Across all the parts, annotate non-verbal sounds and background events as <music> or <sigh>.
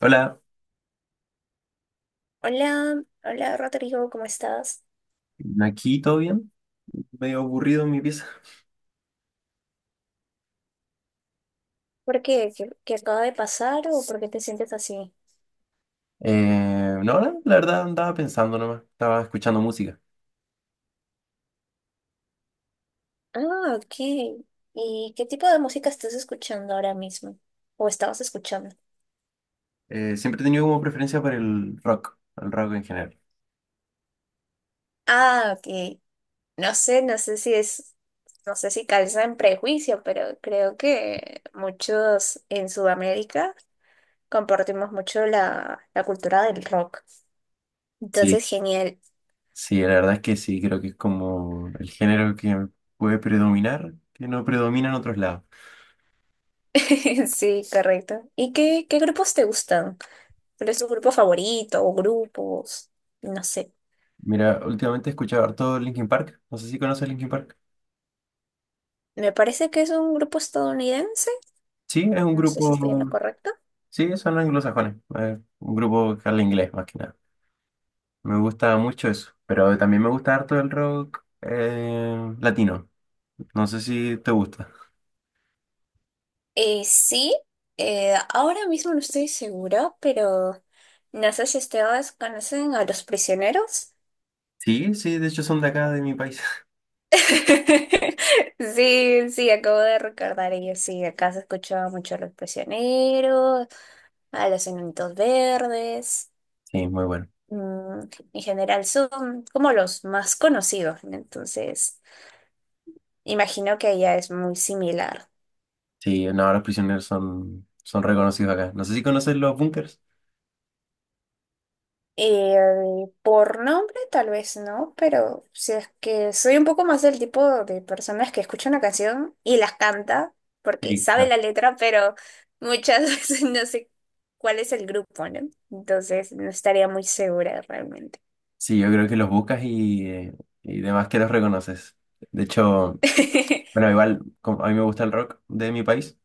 Hola, Hola, hola Rodrigo, ¿cómo estás? aquí todo bien, medio aburrido en mi pieza. ¿Por qué? ¿¿Qué acaba de pasar o por qué te sientes así? No, no, la verdad andaba pensando nomás, estaba escuchando música. Ah, ok. ¿Y qué tipo de música estás escuchando ahora mismo? ¿O estabas escuchando? Siempre he tenido como preferencia por el rock en general. Ah, ok. No sé, no sé si es, no sé si calza en prejuicio, pero creo que muchos en Sudamérica compartimos mucho la cultura del rock. Sí. Entonces, genial. Sí, la verdad es que sí, creo que es como el género que puede predominar, que no predomina en otros lados. <laughs> Sí, correcto. ¿Y qué, qué grupos te gustan? Pero es su grupo favorito o grupos, no sé. Mira, últimamente he escuchado harto Linkin Park, no sé si conoces Linkin Park. Me parece que es un grupo estadounidense, Sí, es un no sé si estoy en lo grupo, correcto. sí, son anglosajones, un grupo que habla inglés más que nada. Me gusta mucho eso, pero también me gusta harto el rock latino. No sé si te gusta. Sí, ahora mismo no estoy segura, pero no sé si ustedes conocen a Los Prisioneros. Sí, sí, de hecho son de acá, de mi país. <laughs> <laughs> Sí, sí, acabo de recordar ellos, sí, acá se escuchaba mucho a Los Prisioneros, a Los Enanitos Verdes, Sí, muy bueno. mm, en general son como los más conocidos, ¿no? Entonces... Imagino que ella es muy similar. Sí, no, los prisioneros son, son reconocidos acá. No sé si conoces los bunkers. Eh, por nombre tal vez no, pero si es que soy un poco más del tipo de personas que escucha una canción y las canta porque Sí, sabe claro. la letra, pero muchas <laughs> veces no sé cuál es el grupo, ¿no? Entonces no estaría muy segura realmente. Sí, yo creo que los buscas y demás que los reconoces. De hecho, <laughs> bueno, igual como a mí me gusta el rock de mi país,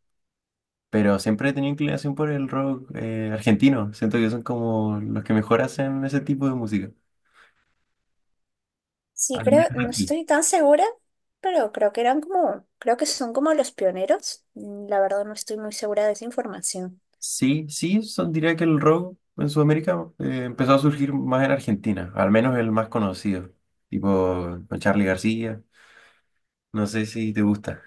pero siempre he tenido inclinación por el rock argentino. Siento que son como los que mejor hacen ese tipo de música. Sí, Al creo, menos no aquí. estoy tan segura, pero creo que eran como, creo que son como los pioneros. Mm, la verdad no estoy muy segura de esa información. Sí, sí, son, diría que el rock en Sudamérica empezó a surgir más en Argentina, al menos el más conocido, tipo con Charly García, no sé si te gusta.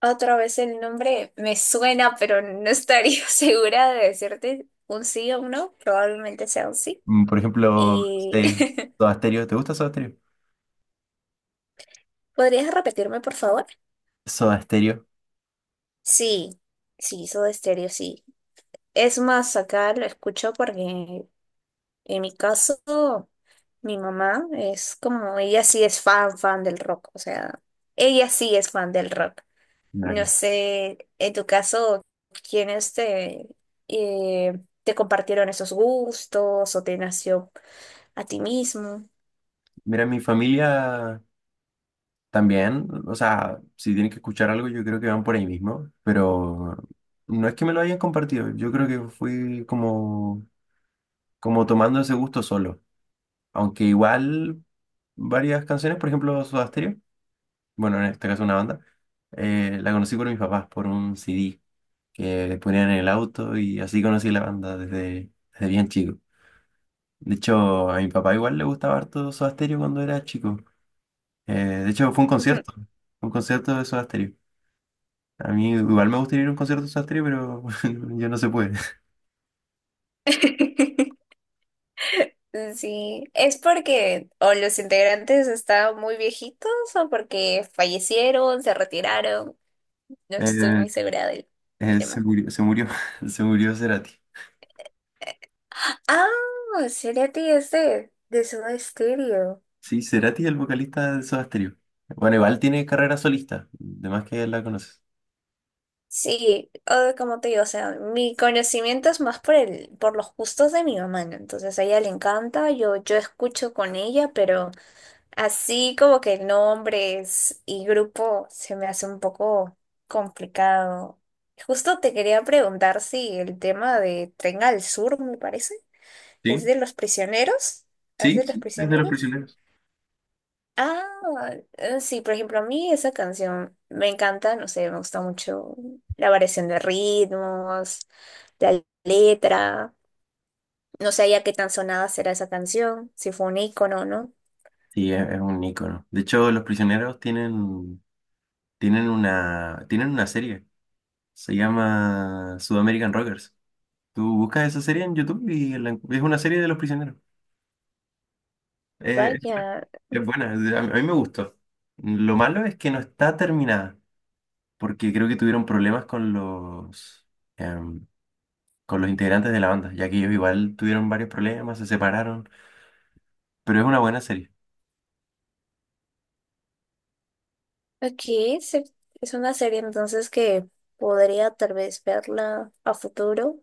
Otra vez el nombre me suena, pero no estaría <laughs> segura de decirte un sí o un no. Probablemente sea un sí. Mm, por ejemplo, Y <laughs> Soda Stereo, ¿te gusta Soda Stereo? ¿podrías repetirme, por favor? Soda Stereo. Sí, sí, Soda Stereo, sí. Es más, acá lo escucho porque en mi caso, mi mamá es como, ella sí es fan, fan del rock. O sea, ella sí es fan del rock. Mira, No claro. sé, en tu caso, ¿quiénes te, eh, te compartieron esos gustos o te nació a ti mismo? Mira, mi familia también, o sea, si tienen que escuchar algo, yo creo que van por ahí mismo, pero no es que me lo hayan compartido, yo creo que fui como, como tomando ese gusto solo. Aunque igual varias canciones, por ejemplo, Soda Stereo, bueno, en este caso una banda, la conocí por mis papás, por un CD que le ponían en el auto y así conocí la banda desde, desde bien chico. De hecho, a mi papá igual le gustaba harto Soda Stereo cuando era chico. De hecho, fue Ujú. Un concierto de Soda Stereo. A mí igual me gustaría ir a un concierto de Soda Stereo, pero <laughs> yo no se puede. <laughs> <laughs> Sí, ¿es porque o los integrantes estaban muy viejitos o porque fallecieron, se retiraron? No estoy Eh, muy segura del tema. Se murió, <laughs> se murió Cerati. Ah, Cerati es de Soda Stereo. Sí, Cerati, el vocalista de Soda Stereo. Bueno, igual tiene carrera solista, de más que la conoces. Sí, como te digo, o sea, mi conocimiento es más por el, por los gustos de mi mamá, ¿no? Entonces a ella le encanta, yo escucho con ella, pero así como que nombres y grupo se me hace un poco complicado. Justo te quería preguntar si el tema de Tren al Sur, me parece, es Sí, de Los Prisioneros, es sí, de los sí, es de Los prisioneros. Prisioneros. Ah, sí, por ejemplo, a mí esa canción me encanta, no sé, me gusta mucho la variación de ritmos, la letra, no sé ya qué tan sonada será esa canción, si fue un ícono, ¿no? Sí, es un ícono. De hecho, Los Prisioneros tienen, tienen una serie, se llama Sudamerican Rockers. Tú buscas esa serie en YouTube y la es una serie de Los Prisioneros. Eh, Vaya, es buena, a mí me gustó. Lo malo es que no está terminada, porque creo que tuvieron problemas con los... em, con los integrantes de la banda, ya que ellos igual tuvieron varios problemas, se separaron, pero es una buena serie. aquí se- es una serie entonces que podría tal vez verla a futuro.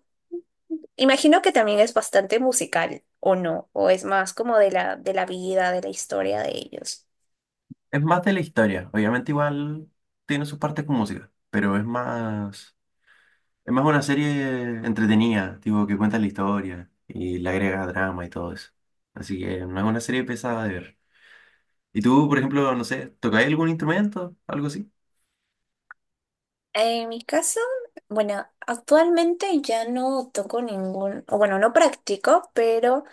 Imagino que también es bastante musical, ¿o no? O es más como de de la vida, de la historia de ellos. Es más de la historia, obviamente igual tiene sus partes con música, pero es más una serie entretenida, tipo que cuenta la historia y le agrega drama y todo eso. Así que no es una serie pesada de ver. ¿Y tú, por ejemplo, no sé, tocáis algún instrumento, algo así? En mi caso, bueno, actualmente ya no toco ningún, o bueno, no practico, pero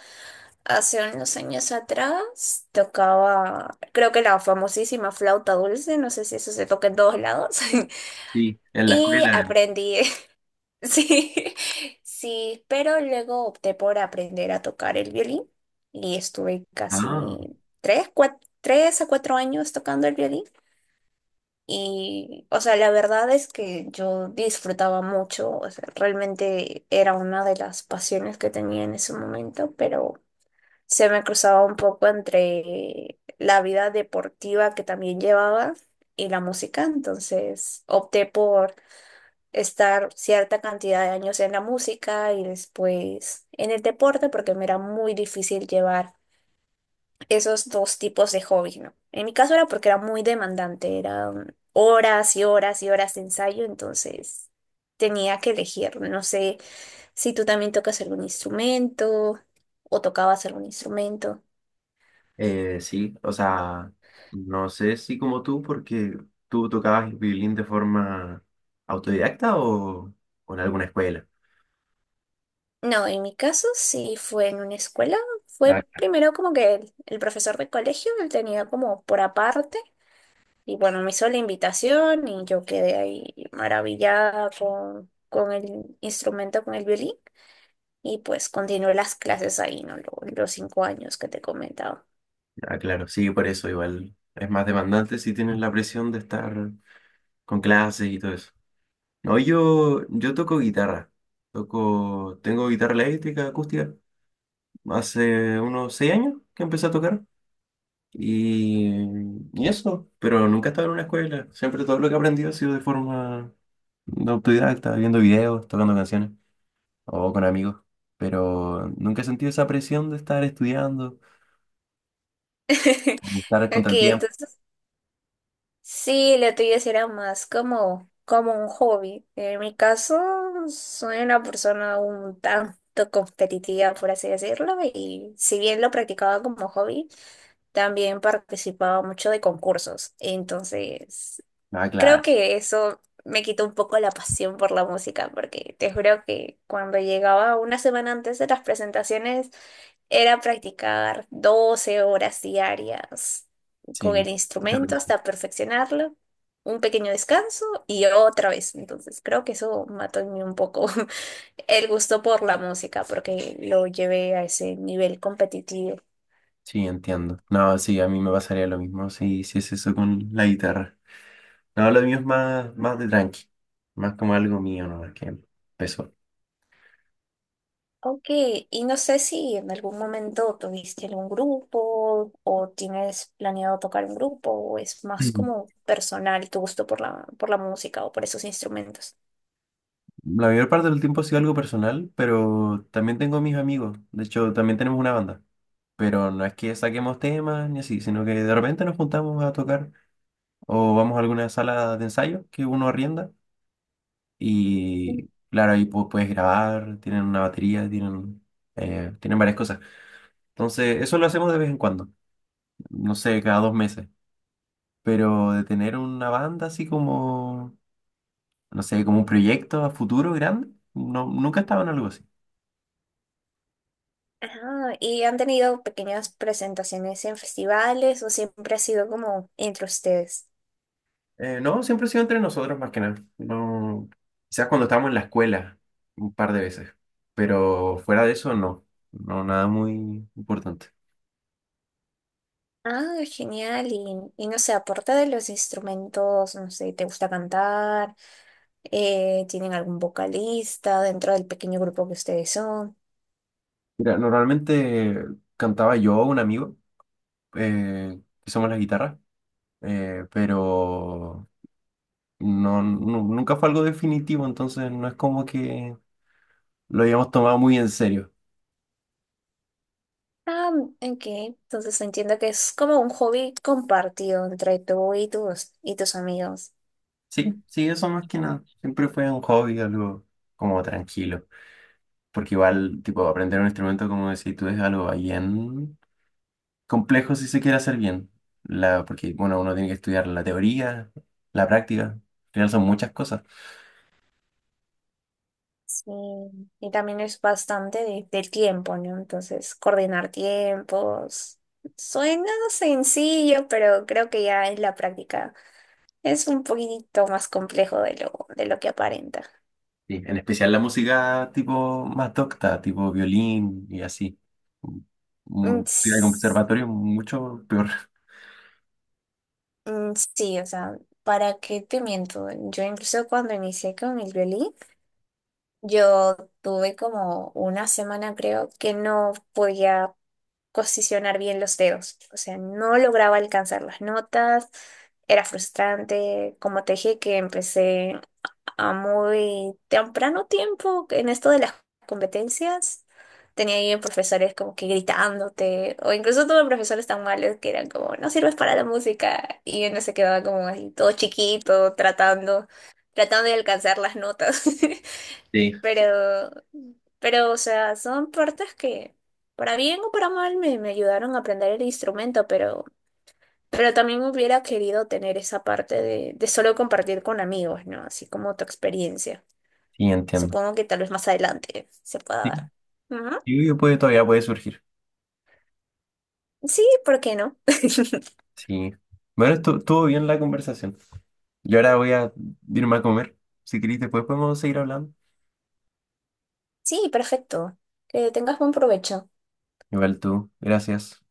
hace unos años atrás tocaba, creo que la famosísima flauta dulce, no sé si eso se toca en todos lados, <laughs> Sí. En la y escuela. aprendí, <laughs> sí, sí, pero luego opté por aprender a tocar el violín y estuve casi Ah. 3 a 4 años tocando el violín. Y, o sea, la verdad es que yo disfrutaba mucho, o sea, realmente era una de las pasiones que tenía en ese momento, pero se me cruzaba un poco entre la vida deportiva que también llevaba y la música, entonces opté por estar cierta cantidad de años en la música y después en el deporte porque me era muy difícil llevar esos dos tipos de hobbies, ¿no? En mi caso era porque era muy demandante, eran horas y horas y horas de ensayo, entonces tenía que elegir. No sé si tú también tocas algún instrumento o tocabas algún instrumento. Sí, o sea, no sé si como tú, porque tú tocabas el violín de forma autodidacta o en alguna escuela. No, en mi caso sí fue en una escuela. Fue Ah, primero como que el profesor de colegio, él tenía como por aparte, y bueno, me hizo la invitación y yo quedé ahí maravillada con el instrumento, con el violín. Y pues continué las clases ahí, ¿no? Los, 5 años que te he comentado. ah, claro, sí, por eso igual es más demandante si tienes la presión de estar con clases y todo eso. No, yo toco guitarra, toco, tengo guitarra eléctrica, acústica, hace unos 6 años que empecé a tocar y, y eso, pero nunca he estado en una escuela, siempre todo lo que he aprendido ha sido de forma de autodidacta, viendo videos, tocando canciones o con amigos. Pero nunca he sentido esa presión de estar estudiando, <laughs> de estar contra Ok, el tiempo. entonces sí, la tuya será más como, como un hobby. En mi caso, soy una persona un tanto competitiva, por así decirlo, y si bien lo practicaba como hobby, también participaba mucho de concursos. Entonces, Ah, creo claro, que eso me quitó un poco la pasión por la música, porque te juro que cuando llegaba una semana antes de las presentaciones, era practicar 12 horas diarias con el sí, mucha instrumento presión. hasta perfeccionarlo, un pequeño descanso y otra vez. Entonces, creo que eso mató en mí un poco <laughs> el gusto por la música, porque lo llevé a ese nivel competitivo. Sí, entiendo. No, sí, a mí me pasaría lo mismo si es eso con la guitarra. No, lo mío es más, más de tranqui, más como algo mío, ¿no? Es que empezó. Ok, y no sé si en algún momento tuviste algún grupo o tienes planeado tocar un grupo o es más Mm. como personal tu gusto por por la música o por esos instrumentos. La mayor parte del tiempo ha sido algo personal, pero también tengo mis amigos. De hecho, también tenemos una banda. Pero no es que saquemos temas ni así, sino que de repente nos juntamos a tocar o vamos a alguna sala de ensayo que uno arrienda Mm. y claro, ahí puedes grabar, tienen una batería, tienen, tienen varias cosas. Entonces, eso lo hacemos de vez en cuando, no sé, cada 2 meses, pero de tener una banda así como, no sé, como un proyecto a futuro grande, no, nunca estaba en algo así. Ajá, ¿y han tenido pequeñas presentaciones en festivales o siempre ha sido como entre ustedes? No, siempre ha sido entre nosotros más que nada. No, quizás cuando estábamos en la escuela un par de veces, pero fuera de eso no, no, nada muy importante. Ah, genial. Y no sé, aparte de los instrumentos, no sé, ¿te gusta cantar? ¿Tienen algún vocalista dentro del pequeño grupo que ustedes son? Mira, normalmente cantaba yo, un amigo, eh, que somos la guitarra, pero no, nunca fue algo definitivo, entonces no es como que lo hayamos tomado muy en serio. Ah, ok. Entonces entiendo que es como un hobby compartido entre tú y y tus amigos. Sí, sí, eso más que nada. Siempre fue un hobby, algo como tranquilo, porque igual, tipo, aprender un instrumento, como decís tú, es algo bien complejo si se quiere hacer bien. Porque, bueno, uno tiene que estudiar la teoría, la práctica, al final son muchas cosas. Sí. Y también es bastante del tiempo, ¿no? Entonces, coordinar tiempos. Suena sencillo, pero creo que ya en la práctica es un poquitito más complejo de de lo que aparenta. Sí, en especial la música tipo más docta, tipo violín y así. Mm, Música de s- conservatorio mucho peor. Sí, o sea, ¿para qué te miento? Yo incluso cuando inicié con el violín, yo tuve como una semana, creo, que no podía posicionar bien los dedos. O sea, no lograba alcanzar las notas. Era frustrante. Como te dije, que empecé a muy temprano tiempo en esto de las competencias. Tenía ahí profesores como que gritándote, o incluso tuve profesores tan malos que eran como, no sirves para la música, y uno se quedaba como ahí todo chiquito, tratando, tratando de alcanzar las notas. <laughs> Sí. Pero, pero, o sea, son partes que, para bien o para mal, me ayudaron a aprender el instrumento, pero también hubiera querido tener esa parte de solo compartir con amigos, ¿no? Así como tu experiencia. Sí, entiendo. Supongo que tal vez más adelante se pueda dar. Ujú. Sí, yo puede, todavía puede surgir. Sí, ¿por qué no? <laughs> Sí. Bueno, estuvo bien la conversación. Yo ahora voy a irme a comer. Si querés, después podemos seguir hablando. Sí, perfecto. Que tengas buen provecho. Igual tú. Gracias.